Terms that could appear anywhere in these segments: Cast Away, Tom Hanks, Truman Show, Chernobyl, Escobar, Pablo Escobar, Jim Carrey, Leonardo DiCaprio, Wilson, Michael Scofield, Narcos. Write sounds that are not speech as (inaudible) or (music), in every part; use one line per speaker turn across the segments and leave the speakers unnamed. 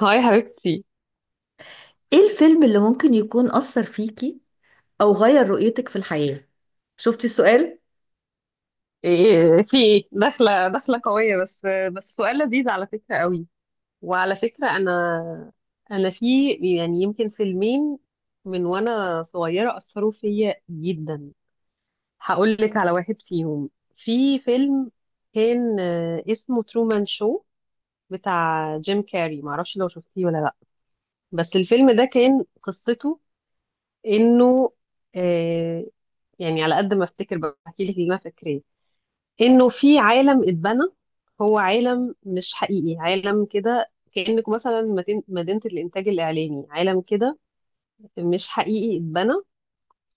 هاي حبيبتي.
ايه الفيلم اللي ممكن يكون أثر فيكي أو غير رؤيتك في الحياة؟ شفتي السؤال؟
إيه، في ايه، داخله قويه. بس سؤال لذيذ على فكره قوي. وعلى فكره انا في، يعني يمكن فيلمين من وانا صغيره اثروا فيا جدا. هقول لك على واحد فيهم. في فيلم كان، اسمه ترومان شو، بتاع جيم كاري، معرفش لو شفتيه ولا لا. بس الفيلم ده كان قصته انه، آه، يعني على قد ما افتكر بحكي لك اللي انا فاكراه، انه في عالم اتبنى. هو عالم مش حقيقي، عالم كده كأنك مثلا مدينة الإنتاج الإعلامي، عالم كده مش حقيقي اتبنى.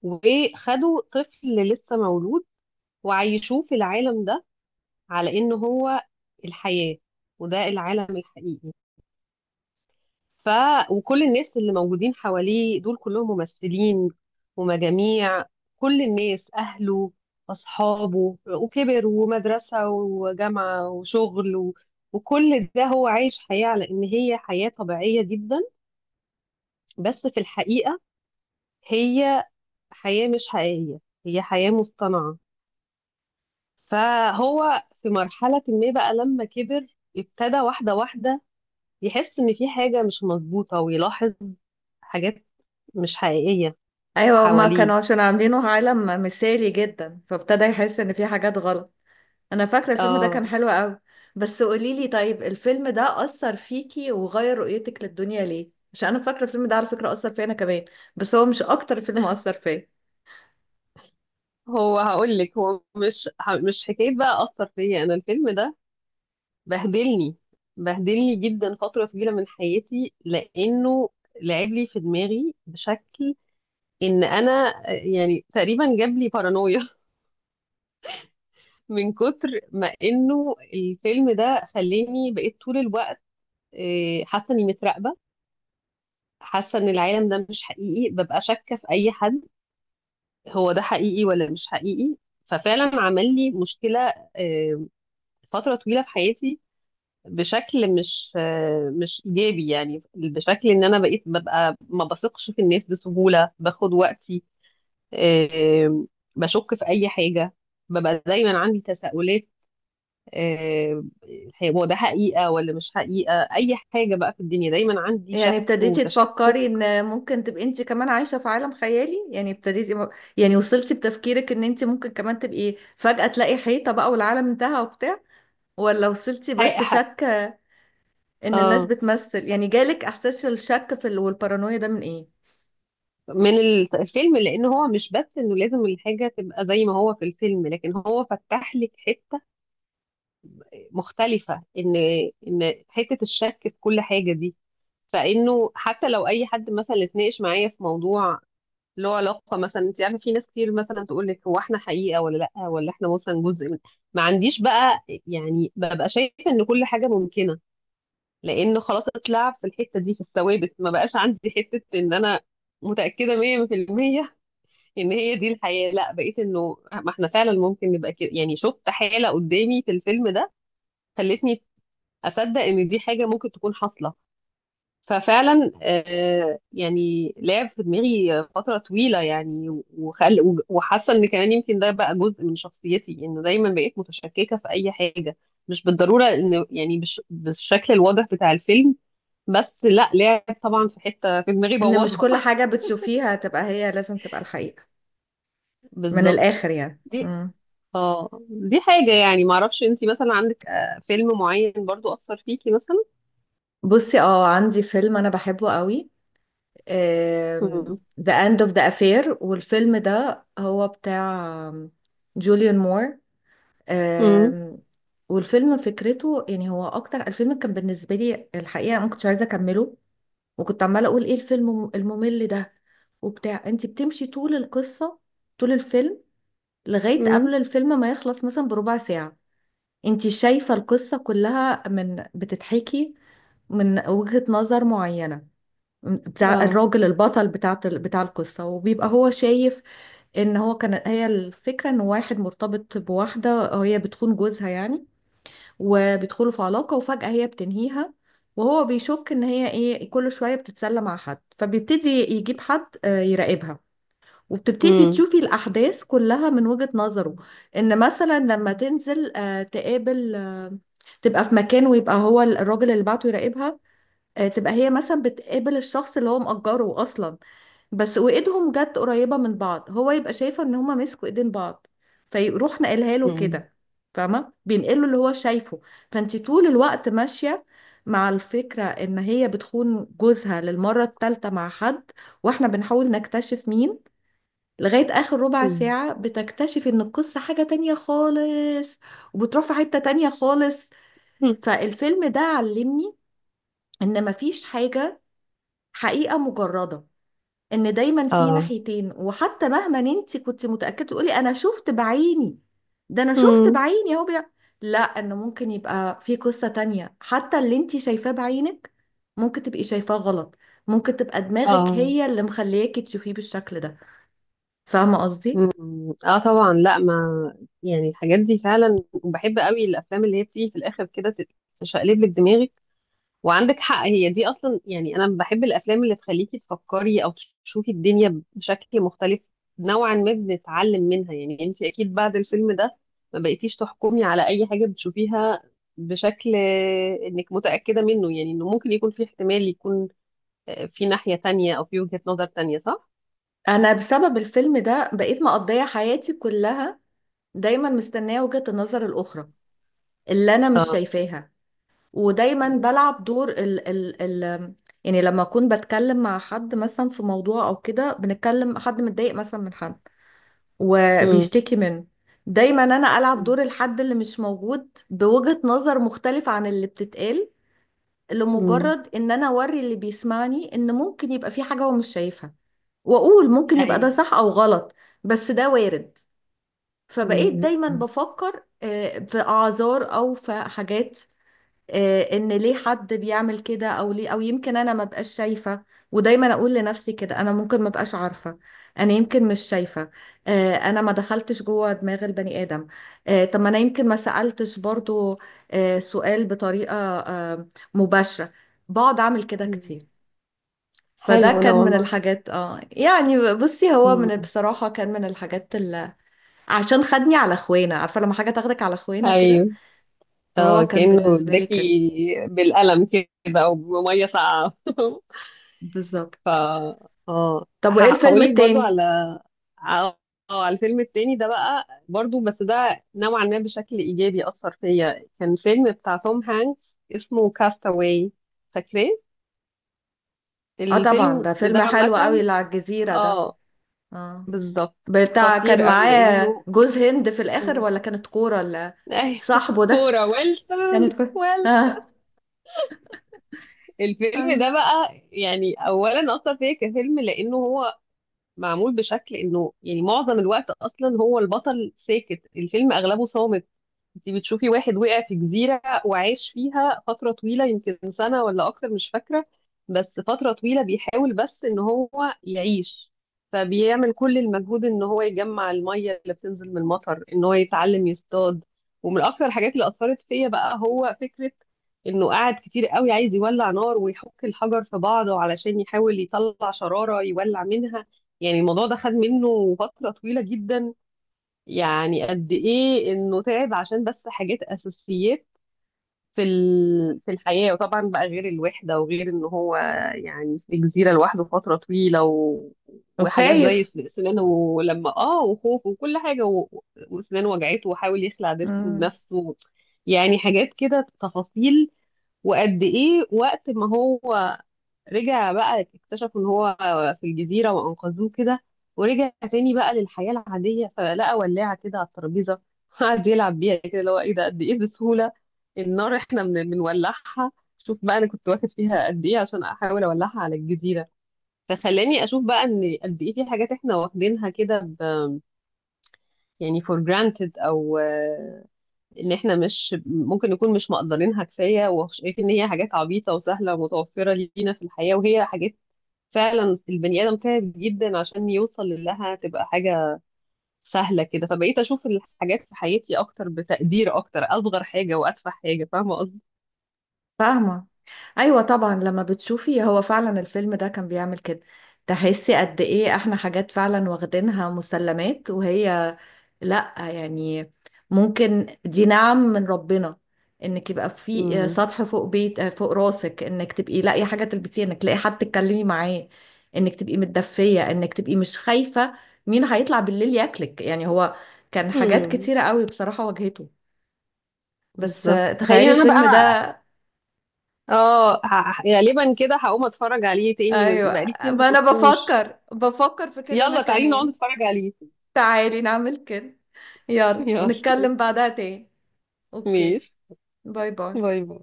وخدوا طفل لسه مولود وعيشوه في العالم ده على إن هو الحياة وده العالم الحقيقي. ف وكل الناس اللي موجودين حواليه دول كلهم ممثلين ومجاميع، كل الناس، أهله، أصحابه، وكبر، ومدرسة، وجامعة، وشغل، و... وكل ده هو عايش حياة على إن هي حياة طبيعية جدا، بس في الحقيقة هي حياة مش حقيقية، هي حياة مصطنعة. فهو في مرحلة ما بقى لما كبر، ابتدى واحدة واحدة يحس إن في حاجة مش مظبوطة، ويلاحظ حاجات مش حقيقية
أيوة، هما
حواليه.
كانوا عشان عاملينه عالم مثالي جدا فابتدى يحس إن في حاجات غلط. أنا فاكرة الفيلم ده كان
اه،
حلو أوي، بس قوليلي طيب الفيلم ده أثر فيكي وغير رؤيتك للدنيا ليه؟ عشان أنا فاكرة الفيلم ده على فكرة أثر فيا أنا كمان، بس هو مش أكتر فيلم أثر فيا.
هقول لك هو مش حكايه بقى اثر فيا، انا الفيلم ده بهدلني، بهدلني جدا فتره طويله من حياتي، لانه لعب لي في دماغي بشكل ان انا، يعني تقريبا جاب لي بارانويا (laughs) من كتر ما انه الفيلم ده خلاني بقيت طول الوقت، حاسه اني متراقبه، حاسه ان العالم ده مش حقيقي، ببقى شاكه في اي حد، هو ده حقيقي ولا مش حقيقي. ففعلا عمل لي مشكله، آه، فترة طويلة في حياتي، بشكل مش مش إيجابي، يعني بشكل إن أنا بقيت ببقى ما بثقش في الناس بسهولة، باخد وقتي، آه، بشك في أي حاجة، ببقى دايما عندي تساؤلات، آه، هو ده حقيقة ولا مش حقيقة. أي حاجة بقى في الدنيا دايما عندي
يعني
شك
ابتديتي
وتشكك.
تفكري ان ممكن تبقي انت كمان عايشة في عالم خيالي، يعني وصلتي بتفكيرك ان انت ممكن كمان تبقي فجأة تلاقي حيطة بقى والعالم انتهى وبتاع، ولا وصلتي
حق
بس
حق
شك ان الناس
آه،
بتمثل؟ يعني جالك احساس الشك في والبارانويا ده من ايه؟
من الفيلم، لأن هو مش بس إنه لازم الحاجة تبقى زي ما هو في الفيلم، لكن هو فتح لك حتة مختلفة، ان حتة الشك في كل حاجة دي. فانه حتى لو اي حد مثلا اتناقش معايا في موضوع له علاقة، مثلا انت عارفة، في ناس كتير مثلا تقول لك هو احنا حقيقة ولا لا، ولا احنا مثلا جزء من، ما عنديش بقى يعني، ببقى شايفة ان كل حاجة ممكنة. لان خلاص اتلعب في الحتة دي، في الثوابت. ما بقاش عندي حتة ان انا متأكدة 100% ان هي دي الحياة، لا بقيت انه ما احنا فعلا ممكن نبقى كده. يعني شفت حالة قدامي في الفيلم ده خلتني اصدق ان دي حاجه ممكن تكون حاصله. ففعلا يعني لعب في دماغي فتره طويله يعني. و وحاسه ان كمان يمكن ده بقى جزء من شخصيتي، انه دايما بقيت متشككه في اي حاجه، مش بالضروره ان يعني بالشكل الواضح بتاع الفيلم، بس لا، لعب طبعا في حته في دماغي،
ان مش
بوظها
كل
(laughs)
حاجة بتشوفيها تبقى هي لازم تبقى الحقيقة، من
بالظبط.
الاخر يعني.
دي، اه دي حاجه يعني. معرفش انتي مثلا عندك، فيلم معين برضو اثر فيكي مثلا.
بصي، اه، عندي فيلم انا بحبه قوي،
امم.
ذا اند اوف ذا افير. والفيلم ده هو بتاع جوليان مور. آم، والفيلم فكرته، يعني هو اكتر الفيلم كان بالنسبه لي الحقيقه ما كنتش عايزه اكمله، وكنت عماله اقول ايه الفيلم الممل ده وبتاع. انت بتمشي طول القصه، طول الفيلم، لغايه
امم.
قبل الفيلم ما يخلص مثلا بربع ساعه. انت شايفه القصه كلها من بتتحكي من وجهه نظر معينه، بتاع
اه.
الراجل البطل بتاع القصة، وبيبقى هو شايف ان هو كان، هي الفكرة ان واحد مرتبط بواحدة وهي بتخون جوزها يعني، وبيدخلوا في علاقة وفجأة هي بتنهيها، وهو بيشك ان هي ايه كل شوية بتتسلى مع حد، فبيبتدي يجيب حد يراقبها. وبتبتدي
امم.
تشوفي الأحداث كلها من وجهة نظره. إن مثلا لما تنزل تقابل تبقى في مكان ويبقى هو الراجل اللي بعته يراقبها، تبقى هي مثلا بتقابل الشخص اللي هو مأجره أصلا، بس وايدهم جت قريبة من بعض، هو يبقى شايفة ان هما مسكوا ايدين بعض، فيروح نقلها له كده. فاهمة؟ بينقله اللي هو شايفه. فانتي طول الوقت ماشية مع الفكرة ان هي بتخون جوزها للمرة الثالثة مع حد، واحنا بنحاول نكتشف مين، لغاية اخر ربع
مم.
ساعة بتكتشف ان القصة حاجة تانية خالص، وبتروح في حتة تانية خالص.
مم.
فالفيلم ده علمني ان مفيش حاجة حقيقة مجردة، ان دايما في
اه.
ناحيتين، وحتى مهما انت كنت متاكده تقولي انا شفت بعيني، ده انا شفت
مم.
بعيني اهو لا، انه ممكن يبقى في قصه تانية. حتى اللي انت شايفاه بعينك ممكن تبقي شايفاه غلط، ممكن تبقى دماغك
اه.
هي اللي مخلياكي تشوفيه بالشكل ده. فاهمه قصدي؟
مم. اه طبعا. لا، ما يعني الحاجات دي فعلا بحب قوي، الافلام اللي هي بتيجي في الاخر كده تشقلب لك دماغك. وعندك حق، هي دي اصلا. يعني انا بحب الافلام اللي تخليكي تفكري او تشوفي الدنيا بشكل مختلف، نوعا ما بنتعلم منها. يعني انت اكيد بعد الفيلم ده ما بقيتيش تحكمي على اي حاجة بتشوفيها بشكل، انك متأكدة منه. يعني انه ممكن يكون في احتمال يكون، في ناحية تانية او في وجهة نظر تانية، صح.
انا بسبب الفيلم ده بقيت مقضيه حياتي كلها دايما مستنيه وجهه النظر الاخرى اللي انا مش
اه.
شايفاها، ودايما
مم.
بلعب دور ال يعني لما اكون بتكلم مع حد مثلا في موضوع، او كده بنتكلم حد متضايق مثلا من حد
مم.
وبيشتكي منه، دايما انا العب دور الحد اللي مش موجود بوجهة نظر مختلفة عن اللي بتتقال،
مم.
لمجرد ان انا اوري اللي بيسمعني ان ممكن يبقى في حاجة هو مش شايفها، واقول ممكن يبقى ده
ايوه.
صح او غلط، بس ده وارد. فبقيت
مم.
دايما
مم.
بفكر في اعذار او في حاجات، ان ليه حد بيعمل كده او ليه، او يمكن انا ما بقاش شايفه. ودايما اقول لنفسي كده، انا ممكن ما بقاش عارفه، انا يمكن مش شايفه، انا ما دخلتش جوه دماغ البني ادم، طب ما انا يمكن ما سالتش برضو، سؤال بطريقه مباشره. بقعد اعمل كده
مم.
كتير. فده
حلو ده
كان من
والله.
الحاجات، اه يعني بصي، هو من،
مم.
بصراحه كان من الحاجات اللي عشان خدني على اخوانا. عارفه لما حاجه تاخدك على اخوانا كده؟
ايوه. اه
فهو كان
كأنه
بالنسبه لي كان
اداكي بالقلم كده او بميه ساقعه (laughs)
بالظبط.
ف اه،
طب وايه الفيلم
هقول لك برضو
التاني؟
على، اه، على الفيلم التاني ده بقى، برضو بس ده نوعا ما بشكل ايجابي اثر فيا. كان فيلم بتاع توم هانكس اسمه كاستاواي، فاكراه؟
اه طبعا،
الفيلم
ده
ده
فيلم حلو قوي،
عامة،
اللي على الجزيرة ده.
اه،
اه.
بالظبط.
بتاع
خطير
كان
قوي
معاه
لانه،
جوز هند في الاخر
مم.
ولا كانت كورة، ولا
(laughs) أيوة.
صاحبه ده؟
كوره ويلسون.
كانت كورة.
ويلسون.
اه.
الفيلم
ايوه.
ده بقى يعني اولا اثر فيا كفيلم، لانه هو معمول بشكل انه يعني معظم الوقت اصلا هو البطل ساكت، الفيلم اغلبه صامت. انت بتشوفي واحد وقع في جزيرة وعاش فيها فترة طويلة، يمكن سنة ولا اكتر مش فاكرة، بس فترة طويلة بيحاول بس ان هو يعيش. فبيعمل كل المجهود ان هو يجمع المية اللي بتنزل من المطر، ان هو يتعلم يصطاد. ومن اكتر الحاجات اللي اثرت فيا بقى هو فكرة انه قعد كتير قوي عايز يولع نار، ويحك الحجر في بعضه علشان يحاول يطلع شرارة يولع منها. يعني الموضوع ده خد منه فترة طويلة جدا. يعني قد ايه انه تعب عشان بس حاجات اساسيات في ال... في الحياة. وطبعا بقى غير الوحدة، وغير ان هو يعني في جزيرة لوحده فترة طويلة، و... وحاجات زي
وخايف.
سنانه لما اه، وخوف، وكل حاجة، و... وسنانه وجعته، وحاول يخلع ضرسه
امم.
لنفسه. يعني حاجات كده تفاصيل. وقد ايه وقت ما هو رجع بقى، اكتشفوا ان هو في الجزيرة وانقذوه كده، ورجع تاني بقى للحياة العادية، فلقى ولاعة كده على الترابيزة، (laughs) قعد يلعب بيها كده، اللي هو ايه ده، قد ايه بسهولة النار احنا بنولعها. شوف بقى انا كنت واخد فيها قد ايه عشان احاول اولعها على الجزيرة. فخلاني اشوف بقى ان قد ايه في حاجات احنا واخدينها كده يعني for granted، او ان احنا مش ممكن نكون مش مقدرينها كفايه، وشايفين ان هي حاجات عبيطه وسهله ومتوفره لينا في الحياه، وهي حاجات فعلا البني ادم تعب جدا عشان يوصل لها تبقى حاجه سهله كده. فبقيت اشوف الحاجات في حياتي اكتر، بتقدير اكتر، اصغر حاجه واتفه حاجه، فاهمه قصدي.
فاهمة. ايوه طبعا، لما بتشوفي هو فعلا الفيلم ده كان بيعمل كده، تحسي قد ايه احنا حاجات فعلا واخدينها مسلمات، وهي لا يعني، ممكن دي نعم من ربنا، انك يبقى في
امم.
سطح فوق بيت فوق راسك، انك تبقي لاقي حاجه تلبسيها، انك تلاقي حد تتكلمي معاه، انك تبقي متدفيه، انك تبقي مش خايفه مين هيطلع بالليل ياكلك. يعني هو كان حاجات
امم.
كتيره قوي بصراحه واجهته. بس
بالظبط. تخيل
تخيلي
انا
الفيلم ده.
بقى، اه، غالبا كده هقوم اتفرج عليه تاني، من
ايوه،
بقالي كتير ما
ما انا
شفتوش.
بفكر في كده انا
يلا تعالي نقعد
كمان.
نتفرج عليه.
تعالي نعمل كده،
(laughs)
يلا
يلا.
ونتكلم بعدها تاني. اوكي.
ماشي.
باي
باي
باي.
باي.